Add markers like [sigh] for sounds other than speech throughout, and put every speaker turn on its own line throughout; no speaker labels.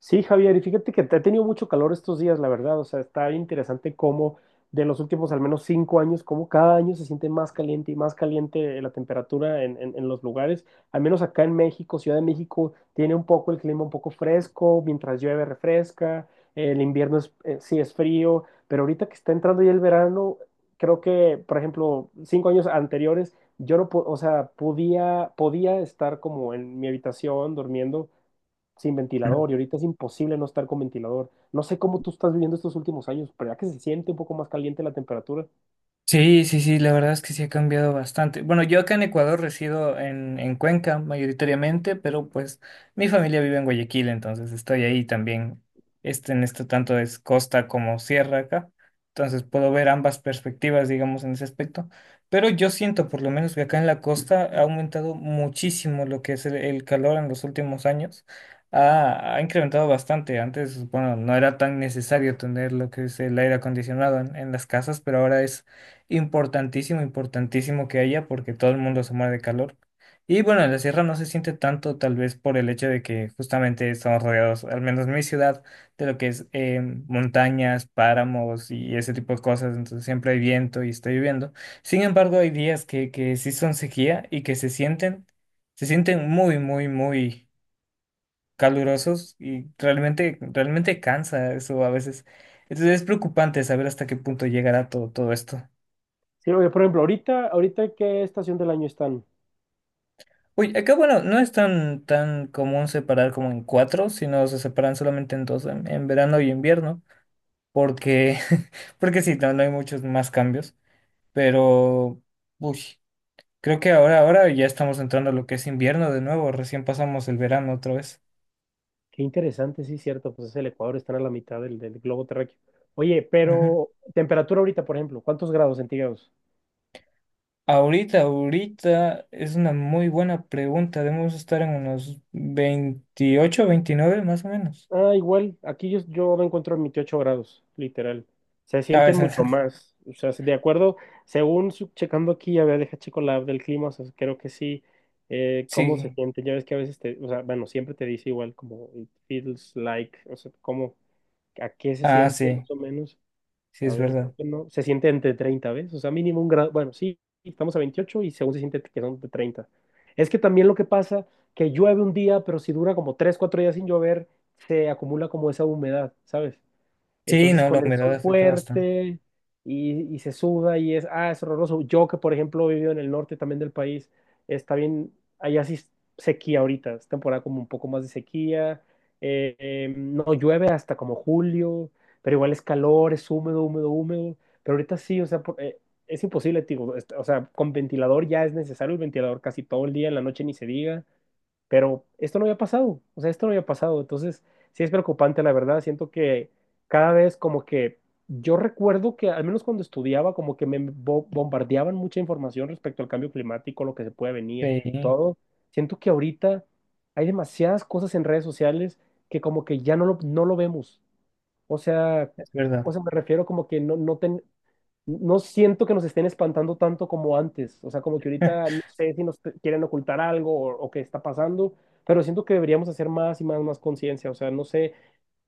Sí, Javier, y fíjate que ha tenido mucho calor estos días, la verdad. O sea, está interesante cómo de los últimos al menos cinco años, cómo cada año se siente más caliente y más caliente la temperatura en los lugares. Al menos acá en México, Ciudad de México, tiene un poco el clima un poco fresco, mientras llueve refresca, el invierno sí es frío, pero ahorita que está entrando ya el verano, creo que, por ejemplo, 5 años anteriores, yo no, o sea, podía estar como en mi habitación durmiendo sin
Ujú.
ventilador y ahorita es imposible no estar con ventilador. No sé cómo tú estás viviendo estos últimos años, pero ya que se siente un poco más caliente la temperatura.
Sí, sí, sí, la verdad es que sí ha cambiado bastante. Bueno, yo acá en Ecuador resido en Cuenca mayoritariamente, pero pues mi familia vive en Guayaquil, entonces estoy ahí también. Este, en esto tanto es costa como sierra acá. Entonces puedo ver ambas perspectivas, digamos, en ese aspecto. Pero yo siento por lo menos que acá en la costa ha aumentado muchísimo lo que es el calor en los últimos años. Ha incrementado bastante. Antes, bueno, no era tan necesario tener lo que es el aire acondicionado en las casas, pero ahora es importantísimo, importantísimo que haya porque todo el mundo se muere de calor. Y bueno, en la sierra no se siente tanto tal vez por el hecho de que justamente estamos rodeados, al menos en mi ciudad, de lo que es montañas, páramos y ese tipo de cosas. Entonces siempre hay viento y está lloviendo. Sin embargo, hay días que sí son sequía y que se sienten muy, muy, muy calurosos y realmente, realmente cansa eso a veces. Entonces es preocupante saber hasta qué punto llegará todo, todo esto.
Sí, oye, por ejemplo, ahorita ¿qué estación del año están?
Uy, acá bueno, no es tan, tan común separar como en cuatro, sino se separan solamente en dos, en verano y invierno, porque, [laughs] porque sí, no, no hay muchos más cambios, pero uy, creo que ahora ya estamos entrando a lo que es invierno de nuevo, recién pasamos el verano otra vez.
Qué interesante, sí, cierto, pues es el Ecuador, están a la mitad del, del globo terráqueo. Oye,
Ujú.
pero temperatura ahorita, por ejemplo, ¿cuántos grados centígrados?
Ahorita, ahorita es una muy buena pregunta, debemos estar en unos 28, 29 más o menos.
Ah, igual, aquí yo me encuentro en 28 grados, literal. Se
A
sienten
veces,
mucho
[laughs]
más. O sea, de acuerdo, según checando aquí, a ver, deja checo la app del clima, o sea, creo que sí, cómo se
sí,
siente. Ya ves que a veces te, o sea, bueno, siempre te dice igual como it feels like, o sea, cómo, a qué se
ah,
siente
sí,
más o menos.
sí
A
es
ver, creo
verdad.
que no. Se siente entre 30, ¿ves? O sea, mínimo un grado. Bueno, sí, estamos a 28 y según se siente que son de 30. Es que también lo que pasa, que llueve un día, pero si dura como 3, 4 días sin llover, se acumula como esa humedad, ¿sabes?
Sí,
Entonces,
no, la
con el
humedad
sol
afecta bastante.
fuerte y se suda y es, ah, es horroroso. Yo que, por ejemplo, he vivido en el norte también del país, está bien, allá sí es sequía ahorita, es temporada como un poco más de sequía, no llueve hasta como julio, pero igual es calor, es húmedo, húmedo, húmedo, pero ahorita sí, o sea, es imposible, tío, o sea, con ventilador ya es necesario el ventilador casi todo el día, en la noche ni se diga, pero esto no había pasado, o sea, esto no había pasado, entonces sí es preocupante, la verdad, siento que cada vez como que yo recuerdo que al menos cuando estudiaba como que me bombardeaban mucha información respecto al cambio climático, lo que se puede venir,
Sí,
todo. Siento que ahorita hay demasiadas cosas en redes sociales que como que ya no lo vemos. O sea,
es verdad.
o sea, me refiero como que no, no siento que nos estén espantando tanto como antes. O sea, como que ahorita
[laughs]
no sé si quieren ocultar algo o qué está pasando, pero siento que deberíamos hacer más y más, más conciencia. O sea, no sé,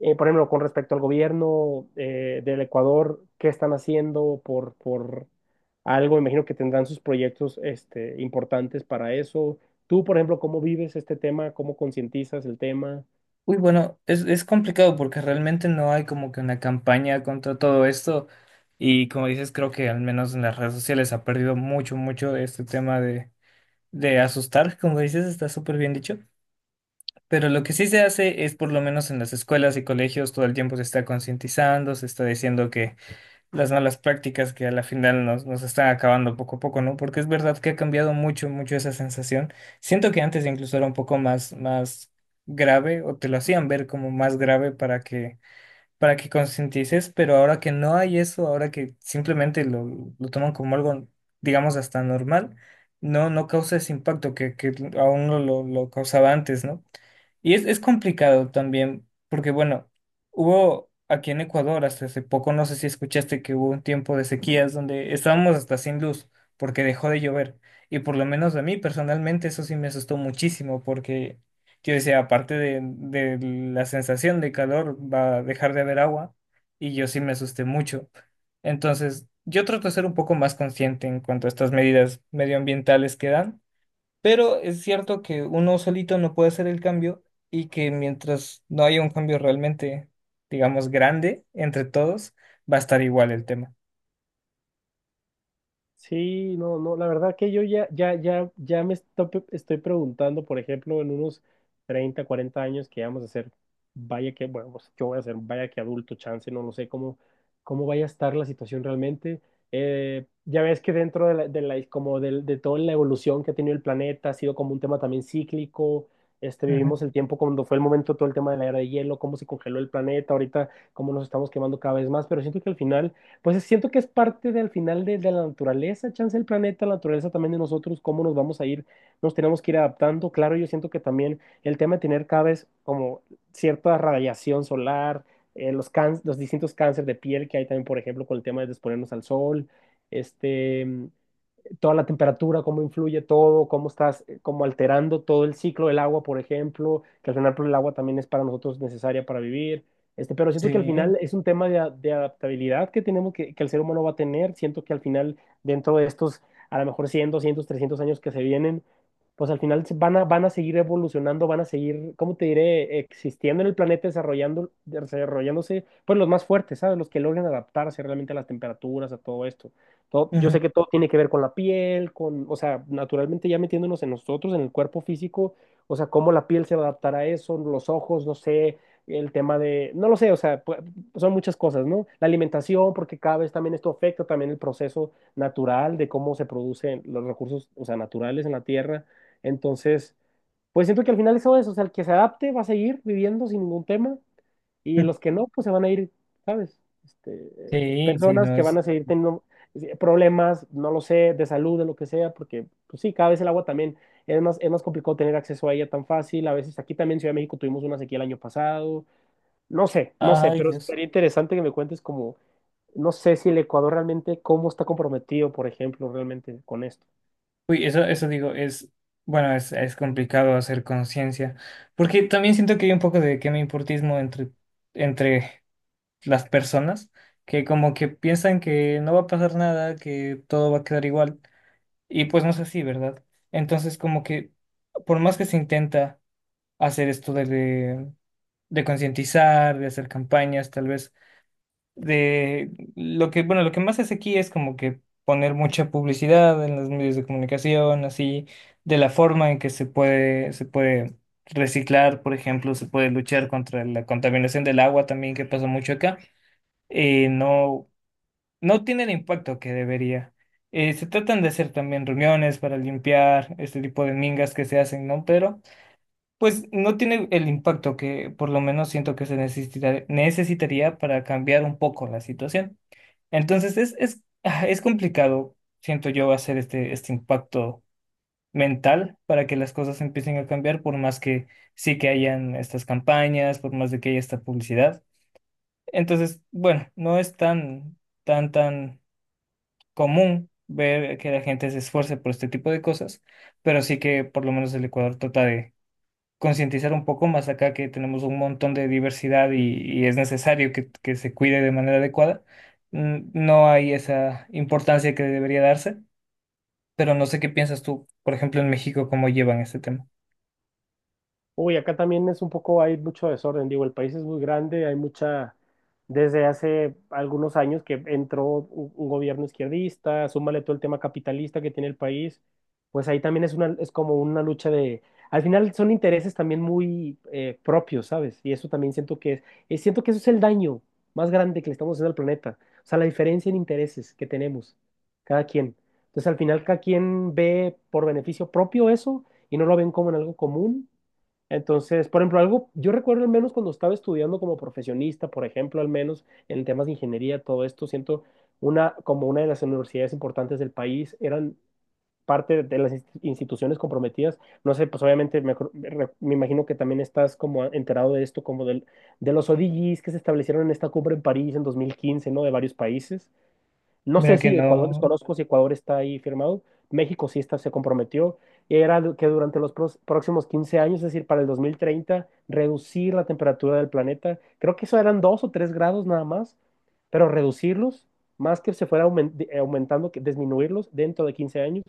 por ejemplo, con respecto al gobierno del Ecuador, qué están haciendo por algo. Imagino que tendrán sus proyectos este, importantes para eso. Tú, por ejemplo, ¿cómo vives este tema? ¿Cómo concientizas el tema?
Uy, bueno, es complicado porque realmente no hay como que una campaña contra todo esto y como dices, creo que al menos en las redes sociales ha perdido mucho, mucho este tema de asustar, como dices, está súper bien dicho, pero lo que sí se hace es por lo menos en las escuelas y colegios todo el tiempo se está concientizando, se está diciendo que las malas prácticas que a la final nos están acabando poco a poco, ¿no? Porque es verdad que ha cambiado mucho, mucho esa sensación. Siento que antes incluso era un poco más grave o te lo hacían ver como más grave para que concientices, pero ahora que no hay eso, ahora que simplemente lo toman como algo, digamos, hasta normal, no, no causa ese impacto que aún lo causaba antes, ¿no? Y es complicado también, porque bueno, hubo aquí en Ecuador hasta hace poco, no sé si escuchaste que hubo un tiempo de sequías donde estábamos hasta sin luz porque dejó de llover. Y por lo menos a mí personalmente eso sí me asustó muchísimo porque yo decía, aparte de la sensación de calor, va a dejar de haber agua y yo sí me asusté mucho. Entonces, yo trato de ser un poco más consciente en cuanto a estas medidas medioambientales que dan, pero es cierto que uno solito no puede hacer el cambio y que mientras no haya un cambio realmente, digamos, grande entre todos, va a estar igual el tema.
Sí, no, no, la verdad que yo ya me estoy preguntando, por ejemplo, en unos 30, 40 años que vamos a ser, vaya que, bueno, pues yo voy a ser, vaya que adulto, chance, no lo sé cómo, cómo vaya a estar la situación realmente. Ya ves que dentro de la, de toda la evolución que ha tenido el planeta, ha sido como un tema también cíclico. Este,
Ujú.
vivimos el tiempo cuando fue el momento, todo el tema de la era de hielo, cómo se congeló el planeta, ahorita cómo nos estamos quemando cada vez más, pero siento que al final, pues siento que es parte del final de la naturaleza, chance del planeta, la naturaleza también de nosotros, cómo nos vamos a ir, nos tenemos que ir adaptando. Claro, yo siento que también el tema de tener cada vez como cierta radiación solar, los, los distintos cánceres de piel que hay también, por ejemplo, con el tema de exponernos al sol, este, toda la temperatura, cómo influye todo, cómo estás como alterando todo el ciclo del agua, por ejemplo, que al final pues, el agua también es para nosotros necesaria para vivir. Este, pero siento que al
Sí,
final es un tema de, de adaptabilidad que tenemos, que el ser humano va a tener. Siento que al final, dentro de estos, a lo mejor 100 200 300 años que se vienen, pues al final van a, van a seguir evolucionando, van a seguir, ¿cómo te diré?, existiendo en el planeta, desarrollando, desarrollándose, pues los más fuertes, ¿sabes? Los que logren adaptarse realmente a las temperaturas, a todo esto. Yo
ujú.
sé que todo tiene que ver con la piel, con, o sea, naturalmente ya metiéndonos en nosotros, en el cuerpo físico, o sea, cómo la piel se va a adaptar a eso, los ojos, no sé, el tema de, no lo sé, o sea, son muchas cosas, ¿no? La alimentación, porque cada vez también esto afecta también el proceso natural de cómo se producen los recursos, o sea, naturales en la tierra. Entonces, pues siento que al final eso es, o sea, el que se adapte va a seguir viviendo sin ningún tema. Y los que
[laughs]
no, pues se van a ir, ¿sabes? Este,
Sí, sí,
personas
no
que van
es.
a seguir teniendo problemas, no lo sé, de salud, de lo que sea, porque, pues sí, cada vez el agua también es más complicado tener acceso a ella tan fácil. A veces aquí también en Ciudad de México tuvimos una sequía el año pasado. No sé, no sé,
Ay,
pero
Dios.
sería interesante que me cuentes como, no sé si el Ecuador realmente, cómo está comprometido, por ejemplo, realmente con esto.
Uy, eso digo, bueno, es complicado hacer conciencia, porque también siento que hay un poco de que me importismo entre las personas, que como que piensan que no va a pasar nada, que todo va a quedar igual. Y pues no es así, ¿verdad? Entonces, como que por más que se intenta hacer esto de concientizar, de hacer campañas, tal vez, de lo que, bueno, lo que más hace aquí es como que poner mucha publicidad en los medios de comunicación, así, de la forma en que se puede reciclar, por ejemplo, se puede luchar contra la contaminación del agua también, que pasa mucho acá. No no tiene el impacto que debería. Se tratan de hacer también reuniones para limpiar este tipo de mingas que se hacen, ¿no? Pero pues no tiene el impacto que por lo menos siento que se necesitaría para cambiar un poco la situación. Entonces es complicado, siento yo, hacer este impacto mental para que las cosas empiecen a cambiar, por más que sí que hayan estas campañas, por más de que haya esta publicidad. Entonces, bueno, no es tan, tan, tan común ver que la gente se esfuerce por este tipo de cosas, pero sí que por lo menos el Ecuador trata de concientizar un poco más acá que tenemos un montón de diversidad y es necesario que se cuide de manera adecuada. Mm, no hay esa importancia que debería darse, pero no sé qué piensas tú, por ejemplo, en México, cómo llevan este tema.
Uy, acá también es un poco, hay mucho desorden, digo, el país es muy grande, hay mucha, desde hace algunos años que entró un gobierno izquierdista, súmale todo el tema capitalista que tiene el país, pues ahí también es una, es como una lucha de, al final son intereses también muy propios, ¿sabes? Y eso también siento que es, siento que eso es el daño más grande que le estamos haciendo al planeta, o sea, la diferencia en intereses que tenemos, cada quien. Entonces, al final cada quien ve por beneficio propio eso y no lo ven como en algo común, entonces, por ejemplo, algo, yo recuerdo al menos cuando estaba estudiando como profesionista, por ejemplo, al menos en temas de ingeniería, todo esto, siento una, como una de las universidades importantes del país, eran parte de las instituciones comprometidas. No sé, pues obviamente me imagino que también estás como enterado de esto, como del, de los ODGs que se establecieron en esta cumbre en París en 2015, ¿no? De varios países. No sé
Mira que
si Ecuador,
no.
desconozco si Ecuador está ahí firmado. México sí está, se comprometió. Y era lo que durante los próximos 15 años, es decir, para el 2030, reducir la temperatura del planeta. Creo que eso eran 2 o 3 grados nada más, pero reducirlos, más que se fuera aumentando, que disminuirlos dentro de 15 años.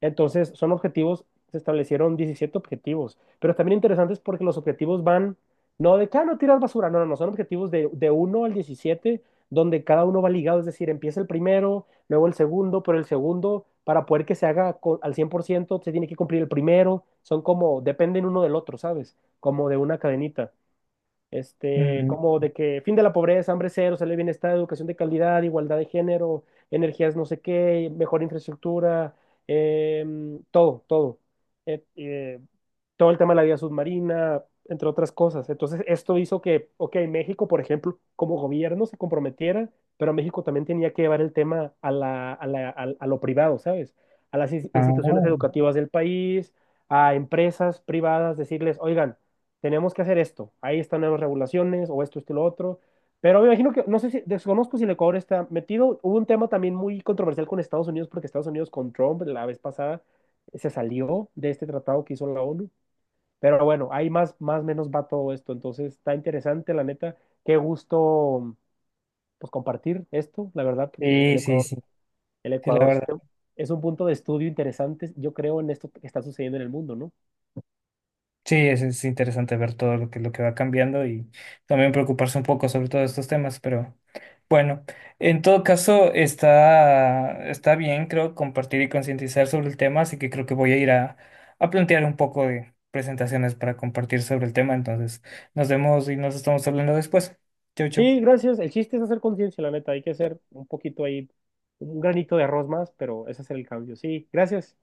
Entonces, son objetivos, se establecieron 17 objetivos, pero también interesantes porque los objetivos van, no de, cada no tiras basura, no, no, no, son objetivos de uno al 17, donde cada uno va ligado, es decir, empieza el primero, luego el segundo, pero el segundo, para poder que se haga al 100% se tiene que cumplir el primero, son como, dependen uno del otro, ¿sabes? Como de una cadenita este,
Mm,
como de que fin de la pobreza, hambre cero, salud y bienestar, educación de calidad, igualdad de género, energías no sé qué, mejor infraestructura, em, todo, todo. Eh, eh, todo el tema de la vida submarina, entre otras cosas. Entonces, esto hizo que, ok, México, por ejemplo, como gobierno se comprometiera, pero México también tenía que llevar el tema a la, a lo privado, ¿sabes? A las instituciones
ah,
educativas del país, a empresas privadas, decirles, oigan, tenemos que hacer esto, ahí están nuevas regulaciones, o esto y lo otro. Pero me imagino que, no sé si, desconozco si el Ecuador está metido. Hubo un tema también muy controversial con Estados Unidos, porque Estados Unidos con Trump la vez pasada se salió de este tratado que hizo la ONU. Pero bueno, ahí más, más menos va todo esto. Entonces está interesante, la neta. Qué gusto pues compartir esto, la verdad, porque el
sí, sí,
Ecuador,
sí,
el
sí, la verdad.
Es un punto de estudio interesante, yo creo, en esto que está sucediendo en el mundo, ¿no?
Sí, es interesante ver todo lo que va cambiando y también preocuparse un poco sobre todos estos temas, pero bueno, en todo caso está bien, creo, compartir y concientizar sobre el tema, así que creo que voy a ir a plantear un poco de presentaciones para compartir sobre el tema, entonces nos vemos y nos estamos hablando después. Chau, chau.
Sí, gracias. El chiste es hacer conciencia, la neta. Hay que hacer un poquito ahí, un granito de arroz más, pero ese es el cambio. Sí, gracias.